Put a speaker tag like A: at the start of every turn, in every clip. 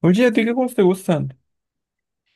A: Oye, ¿a ti qué juegos te gustan?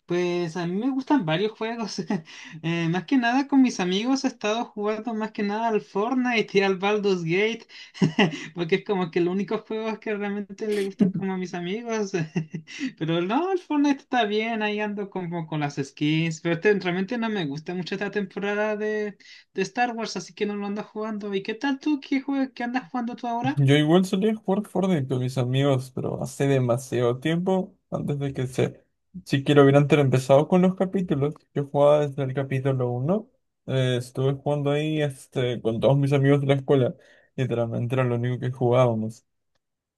B: Pues a mí me gustan varios juegos. Más que nada con mis amigos he estado jugando más que nada al Fortnite y al Baldur's Gate, porque es como que los únicos juegos que realmente le gustan como a mis amigos. Pero no, el Fortnite está bien, ahí ando como con las skins, pero este, realmente no me gusta mucho esta temporada de Star Wars, así que no lo ando jugando. ¿Y qué tal tú? ¿Qué andas jugando tú ahora?
A: Yo igual solía jugar Fortnite con mis amigos, pero hace demasiado tiempo antes de que se... Si quiero hubieran empezado con los capítulos. Yo jugaba desde el capítulo uno, estuve jugando ahí con todos mis amigos de la escuela. Literalmente era lo único que jugábamos.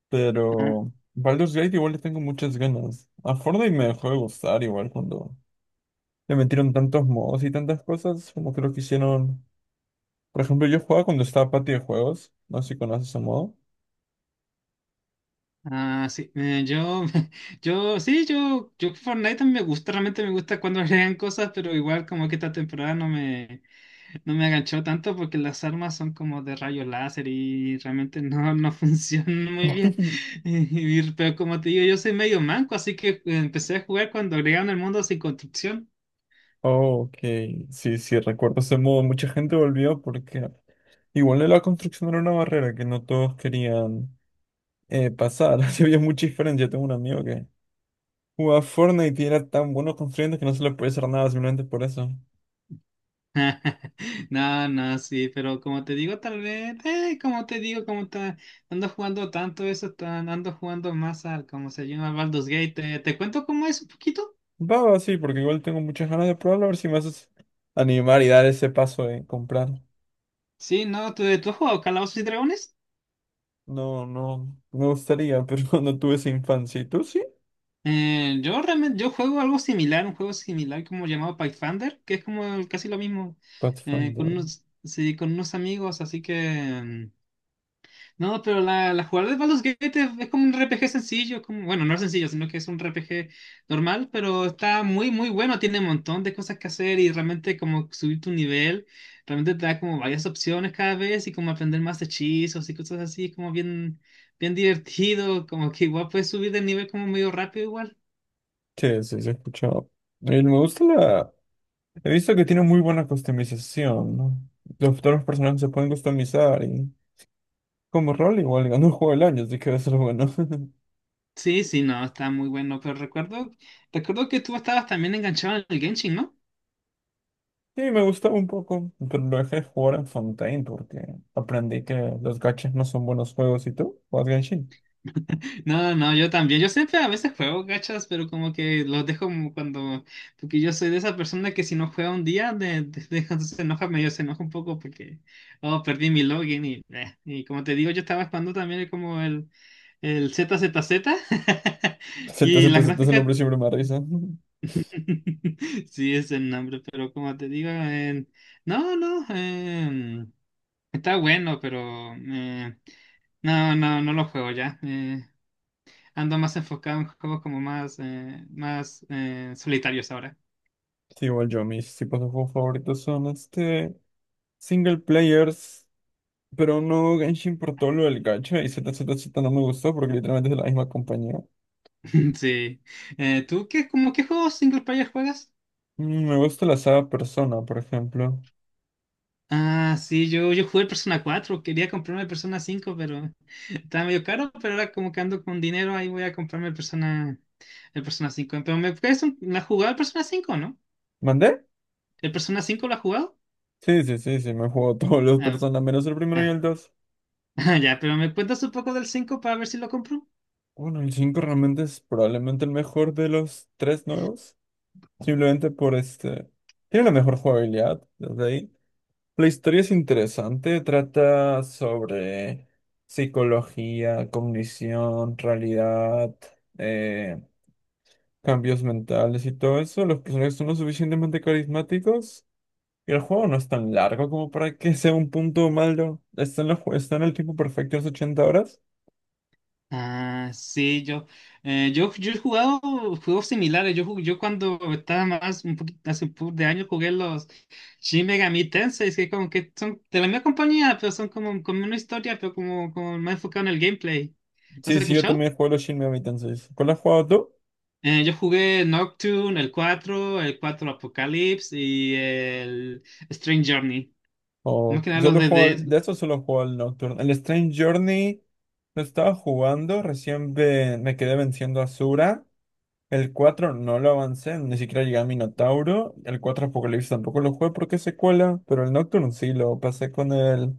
A: Pero Baldur's Gate igual le tengo muchas ganas. A Fortnite me dejó de gustar igual cuando le metieron tantos modos y tantas cosas como creo que hicieron... Por ejemplo, yo jugaba cuando estaba Patio de Juegos. No sé si conoces ese modo.
B: Ah, sí, sí, yo Fortnite también me gusta, realmente me gusta cuando agregan cosas, pero igual como que esta temporada no me aganchó tanto porque las armas son como de rayo láser y realmente no funcionan muy bien. Pero como te digo, yo soy medio manco, así que empecé a jugar cuando agregaron el mundo sin construcción.
A: Ok, sí, sí, recuerdo ese modo. Mucha gente volvió porque igual de la construcción era una barrera que no todos querían pasar. Así había mucha diferencia. Tengo un amigo que jugaba Fortnite y era tan bueno construyendo que no se le podía hacer nada simplemente por eso.
B: No, no, sí, pero como te digo, tal vez, como te digo, ando jugando tanto eso, ando jugando más al, como se llama, Baldur's Gate. ¿Te cuento cómo es un poquito?
A: Va, va, sí, porque igual tengo muchas ganas de probarlo, a ver si me haces animar y dar ese paso de comprar.
B: Sí, no, ¿Tú has jugado Calabozos y Dragones?
A: No, no, me gustaría, pero no tuve esa infancia. ¿Y tú sí?
B: Yo realmente, yo juego algo similar, un juego similar como llamado Pathfinder, que es como casi lo mismo, con
A: Pathfinder.
B: unos, sí, con unos amigos, así que... mm, No, pero la jugada de Baldur's Gate es como un RPG sencillo, es como, bueno, no es sencillo, sino que es un RPG normal, pero está muy, muy bueno, tiene un montón de cosas que hacer y realmente como subir tu nivel, realmente te da como varias opciones cada vez y como aprender más hechizos y cosas así, como bien, bien divertido, como que igual puedes subir de nivel como medio rápido igual.
A: Sí, sí, se escuchaba. Y me gusta la. He visto que tiene muy buena customización, ¿no? Los futuros personajes se pueden customizar y como rol igual ganó el juego del año, así que debe ser bueno.
B: Sí, sí, no, está muy bueno, pero recuerdo que tú estabas también enganchado en el Genshin, ¿no?
A: Sí, me gustaba un poco, pero lo dejé de jugar en Fontaine porque aprendí que los gachas no son buenos juegos y tú juegas Genshin.
B: No, no, yo también. Yo siempre a veces juego gachas, pero como que los dejo como cuando. Porque yo soy de esa persona que si no juega un día, entonces se enoja, medio se enoja un poco porque. Oh, perdí mi login. Y como te digo, yo estaba jugando también como el ZZZ.
A: Z,
B: Y
A: Z,
B: las
A: Z, ese
B: gráficas.
A: nombre siempre me da risa.
B: Sí, es el nombre, pero como te digo, no, no. Está bueno, pero, no, no, no lo juego ya. Ando más enfocado en juegos como más, solitarios ahora.
A: Sí, igual yo, mis tipos de juegos favoritos son Single players, pero no Genshin por todo lo del gacha y ZZZ no me gustó porque literalmente es de la misma compañía.
B: Sí. Como qué juegos single player juegas?
A: Mm, me gusta la saga Persona, por ejemplo.
B: Ah, sí, yo jugué el Persona 4, quería comprarme el Persona 5, pero estaba medio caro, pero ahora como que ando con dinero, ahí voy a comprarme el Persona 5. Pero ¿la has jugado el Persona 5, no?
A: ¿Mandé?
B: ¿El Persona 5 lo has jugado?
A: Sí, sí, sí, sí, me juego todos los
B: Ah,
A: Persona, menos el primero y
B: ah,
A: el dos.
B: ya, pero me cuentas un poco del 5 para ver si lo compro.
A: Bueno, el cinco realmente es probablemente el mejor de los tres nuevos. Simplemente por este... Tiene la mejor jugabilidad, desde ahí. La historia es interesante, trata sobre psicología, cognición, realidad, eh, cambios mentales y todo eso, los personajes son lo suficientemente carismáticos y el juego no es tan largo como para que sea un punto malo. Está en, está en el tiempo perfecto, es 80 horas.
B: Ah, sí, yo he jugado juegos similares. Yo cuando estaba más, un poquito, hace un poco de años jugué los Shin Megami Tensei, que como que son de la misma compañía, pero son como una historia, pero como más enfocado en el gameplay. ¿Los
A: Sí,
B: has
A: sí, yo
B: escuchado?
A: también juego los Shin Megami Tensei. ¿Cuál has jugado tú?
B: Yo jugué Nocturne, el cuatro Apocalypse y el Strange Journey. No
A: O
B: que nada los
A: solo
B: de
A: juego,
B: DS,
A: de eso solo juego al Nocturne. El Strange Journey lo estaba jugando, me quedé venciendo a Sura. El 4 no lo avancé, ni siquiera llegué a Minotauro. El 4 Apocalipsis tampoco lo jugué porque es secuela, pero el Nocturne sí lo pasé con él.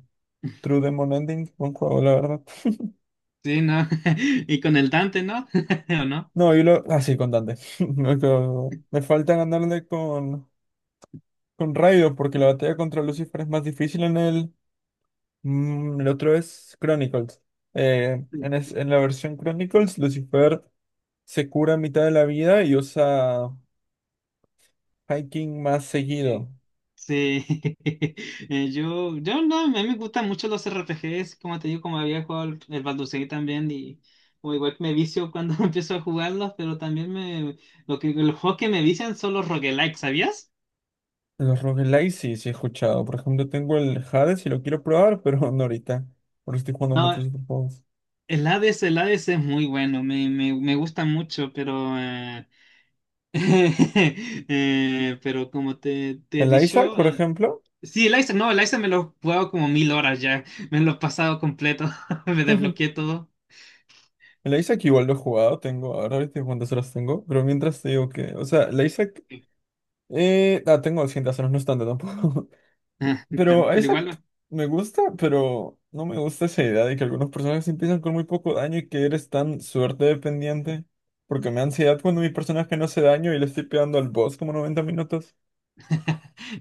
A: True Demon Ending, buen juego, la verdad.
B: sí, ¿no? Y con el Dante, ¿no? ¿O no?
A: No, y lo. Ah, sí, con Dante. Me falta ganarle con Raido, porque la batalla contra Lucifer es más difícil en el. Mm, el otro es Chronicles. En la versión Chronicles, Lucifer se cura a mitad de la vida y usa Hiking más
B: Sí,
A: seguido.
B: sí. Sí. Yo, yo no, a mí me gustan mucho los RPGs, como te digo, como había jugado el Baldur's Gate también, y como igual que me vicio cuando empiezo a jugarlos, pero también los juegos que me vician son los roguelikes, ¿sabías?
A: Los roguelike sí, sí he escuchado. Por ejemplo, tengo el Hades y lo quiero probar, pero no ahorita. Porque estoy jugando
B: No,
A: muchos otros juegos.
B: el Hades, es muy bueno, me gusta mucho, pero como te he
A: El Isaac,
B: dicho,
A: por ejemplo.
B: sí, el Isaac, no, el Isaac me lo he jugado como mil horas ya, me lo he pasado completo, me desbloqueé todo.
A: La Isaac igual lo he jugado, tengo, ahora viste cuántas horas tengo, pero mientras te digo que, o sea, la Isaac, tengo 200 horas, no es tanto tampoco,
B: Ah,
A: pero
B: claro.
A: a
B: Pero igual,
A: Isaac
B: no,
A: me gusta, pero no me gusta esa idea de que algunos personajes empiezan con muy poco daño y que eres tan suerte dependiente, porque me da ansiedad cuando mi personaje no hace daño y le estoy pegando al boss como 90 minutos.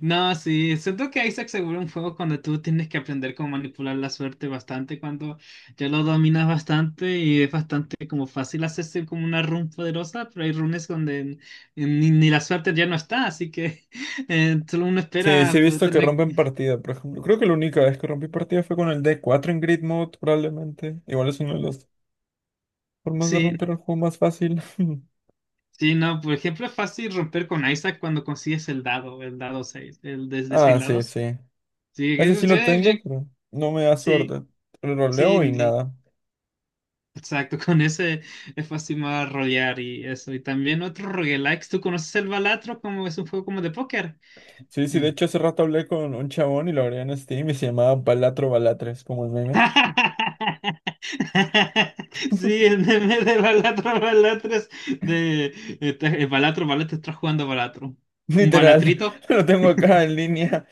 B: no, sí, siento que Isaac seguro es un juego cuando tú tienes que aprender cómo manipular la suerte bastante, cuando ya lo dominas bastante y es bastante como fácil hacerse como una run poderosa, pero hay runes donde ni la suerte ya no está, así que solo uno
A: Sí, sí
B: espera
A: he
B: poder
A: visto que
B: tener...
A: rompen partida, por ejemplo, creo que la única vez que rompí partida fue con el d cuatro en Grid Mode, probablemente, igual es una de las formas de
B: Sí, no,
A: romper el juego más fácil.
B: sí, no, por ejemplo, es fácil romper con Isaac cuando consigues el dado 6 el desde 6
A: Ah, sí,
B: lados.
A: sí.
B: Sí,
A: Ese sí lo tengo, pero no me da
B: sí,
A: suerte. Lo
B: sí,
A: leo y
B: sí.
A: nada.
B: Exacto, con ese es fácil más rolear y eso. Y también otro roguelikes. ¿Tú conoces el Balatro? Como es un juego como de póker.
A: Sí, sí, de
B: Eh.
A: hecho hace rato hablé con un chabón y lo agregué en Steam y se llamaba Balatro Balatres, como el meme.
B: Sí, el meme de Balatro, Balatro es de Balatro, Balatro, estás jugando Balatro. ¿Un
A: Literal,
B: Balatrito?
A: lo tengo acá en línea.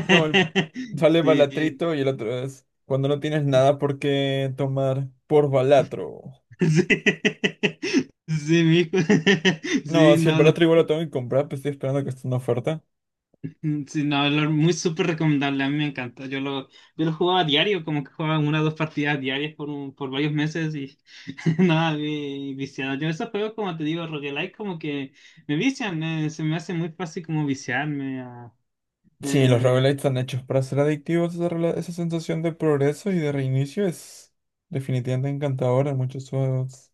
A: No, el- sale
B: Sí,
A: Balatrito y el otro es cuando no tienes nada por qué tomar por Balatro.
B: sí, sí, mijo.
A: No,
B: Sí,
A: si el
B: no,
A: Balatro igual lo tengo que comprar, pues estoy esperando que esté en oferta.
B: Sí, no, muy súper recomendable, a mí me encanta. Yo lo jugaba a diario, como que jugaba una o dos partidas diarias por varios meses y nada, viciado. Yo esos juegos, como te digo, roguelike, como que me vician, se me hace muy fácil como viciarme.
A: Sí, los
B: Eh,
A: roguelites están hechos para ser adictivos. Esa sensación de progreso y de reinicio es definitivamente encantadora en muchos juegos.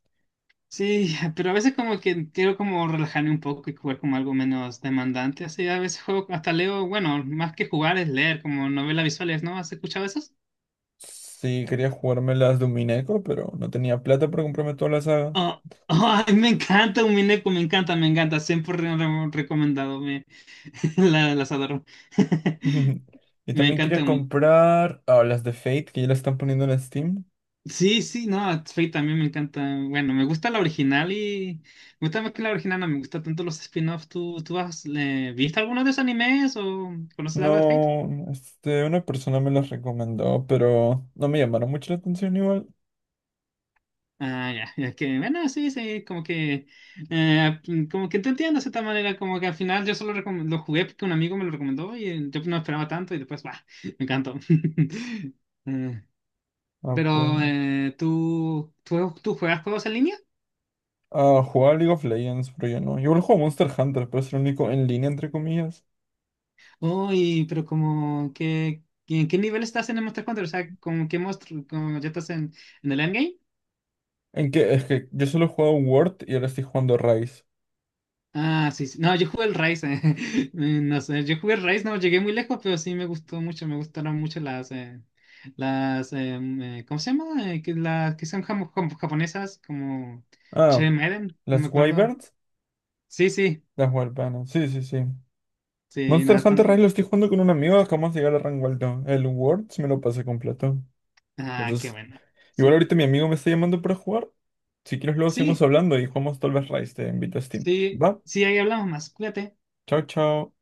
B: sí, pero a veces como que quiero como relajarme un poco y jugar como algo menos demandante. Así a veces juego, hasta leo, bueno, más que jugar es leer, como novelas visuales, ¿no? ¿Has escuchado eso?
A: Sí, quería jugarme las de un pero no tenía plata para comprarme toda la saga.
B: Ah, ay, me encanta un Mineco, me encanta, me encanta. Siempre recomendado, las adoro.
A: Y
B: Me
A: también
B: encanta
A: quería
B: un
A: comprar ah, las de Fate, que ya las están poniendo en Steam.
B: Sí, sí, no, Fate también me encanta. Bueno, me gusta la original y me gusta más que la original, no me gusta tanto los spin-offs. ¿Tú viste alguno de esos animes o conoces algo de Fate?
A: No, este, una persona me las recomendó, pero no me llamaron mucho la atención igual.
B: Ah, ya, ya que, bueno, sí, sí, como que, como que te entiendo de cierta manera, como que al final yo solo lo jugué porque un amigo me lo recomendó y yo no esperaba tanto y después, bah, me encantó. Eh,
A: A
B: pero,
A: ver.
B: eh, ¿tú juegas juegos en línea?
A: Ah, jugaba League of Legends, pero yo no. Yo igual juego Monster Hunter, pero es el único en línea, entre comillas.
B: Uy, pero como que, ¿en qué nivel estás en el Monster Hunter? ¿O sea, como qué monstruo, como ya estás en el endgame?
A: ¿En qué? Es que yo solo he jugado Word y ahora estoy jugando Rise.
B: Ah, sí, sí. No, yo jugué el Rise. No sé, yo jugué el Rise, no llegué muy lejos, pero sí me gustó mucho. Me gustaron mucho las, ¿cómo se llama? Las que son japonesas, como
A: Ah,
B: Che Maiden, no me
A: las
B: acuerdo.
A: Wyverns,
B: Sí, sí,
A: las Wyverns. Sí, sí, sí.
B: sí,
A: Monster
B: nada, tan
A: Hunter Rise
B: lindo.
A: lo estoy jugando con un amigo, acabamos de llegar a rango alto. El Word sí me lo pasé completo.
B: Ah, qué
A: Entonces,
B: bueno.
A: igual
B: Sí,
A: ahorita mi amigo me está llamando para jugar. Si quieres luego seguimos
B: sí,
A: hablando y jugamos tal vez Rise, te invito a Steam.
B: sí,
A: Va,
B: sí, ahí hablamos más. Cuídate.
A: chao, chao.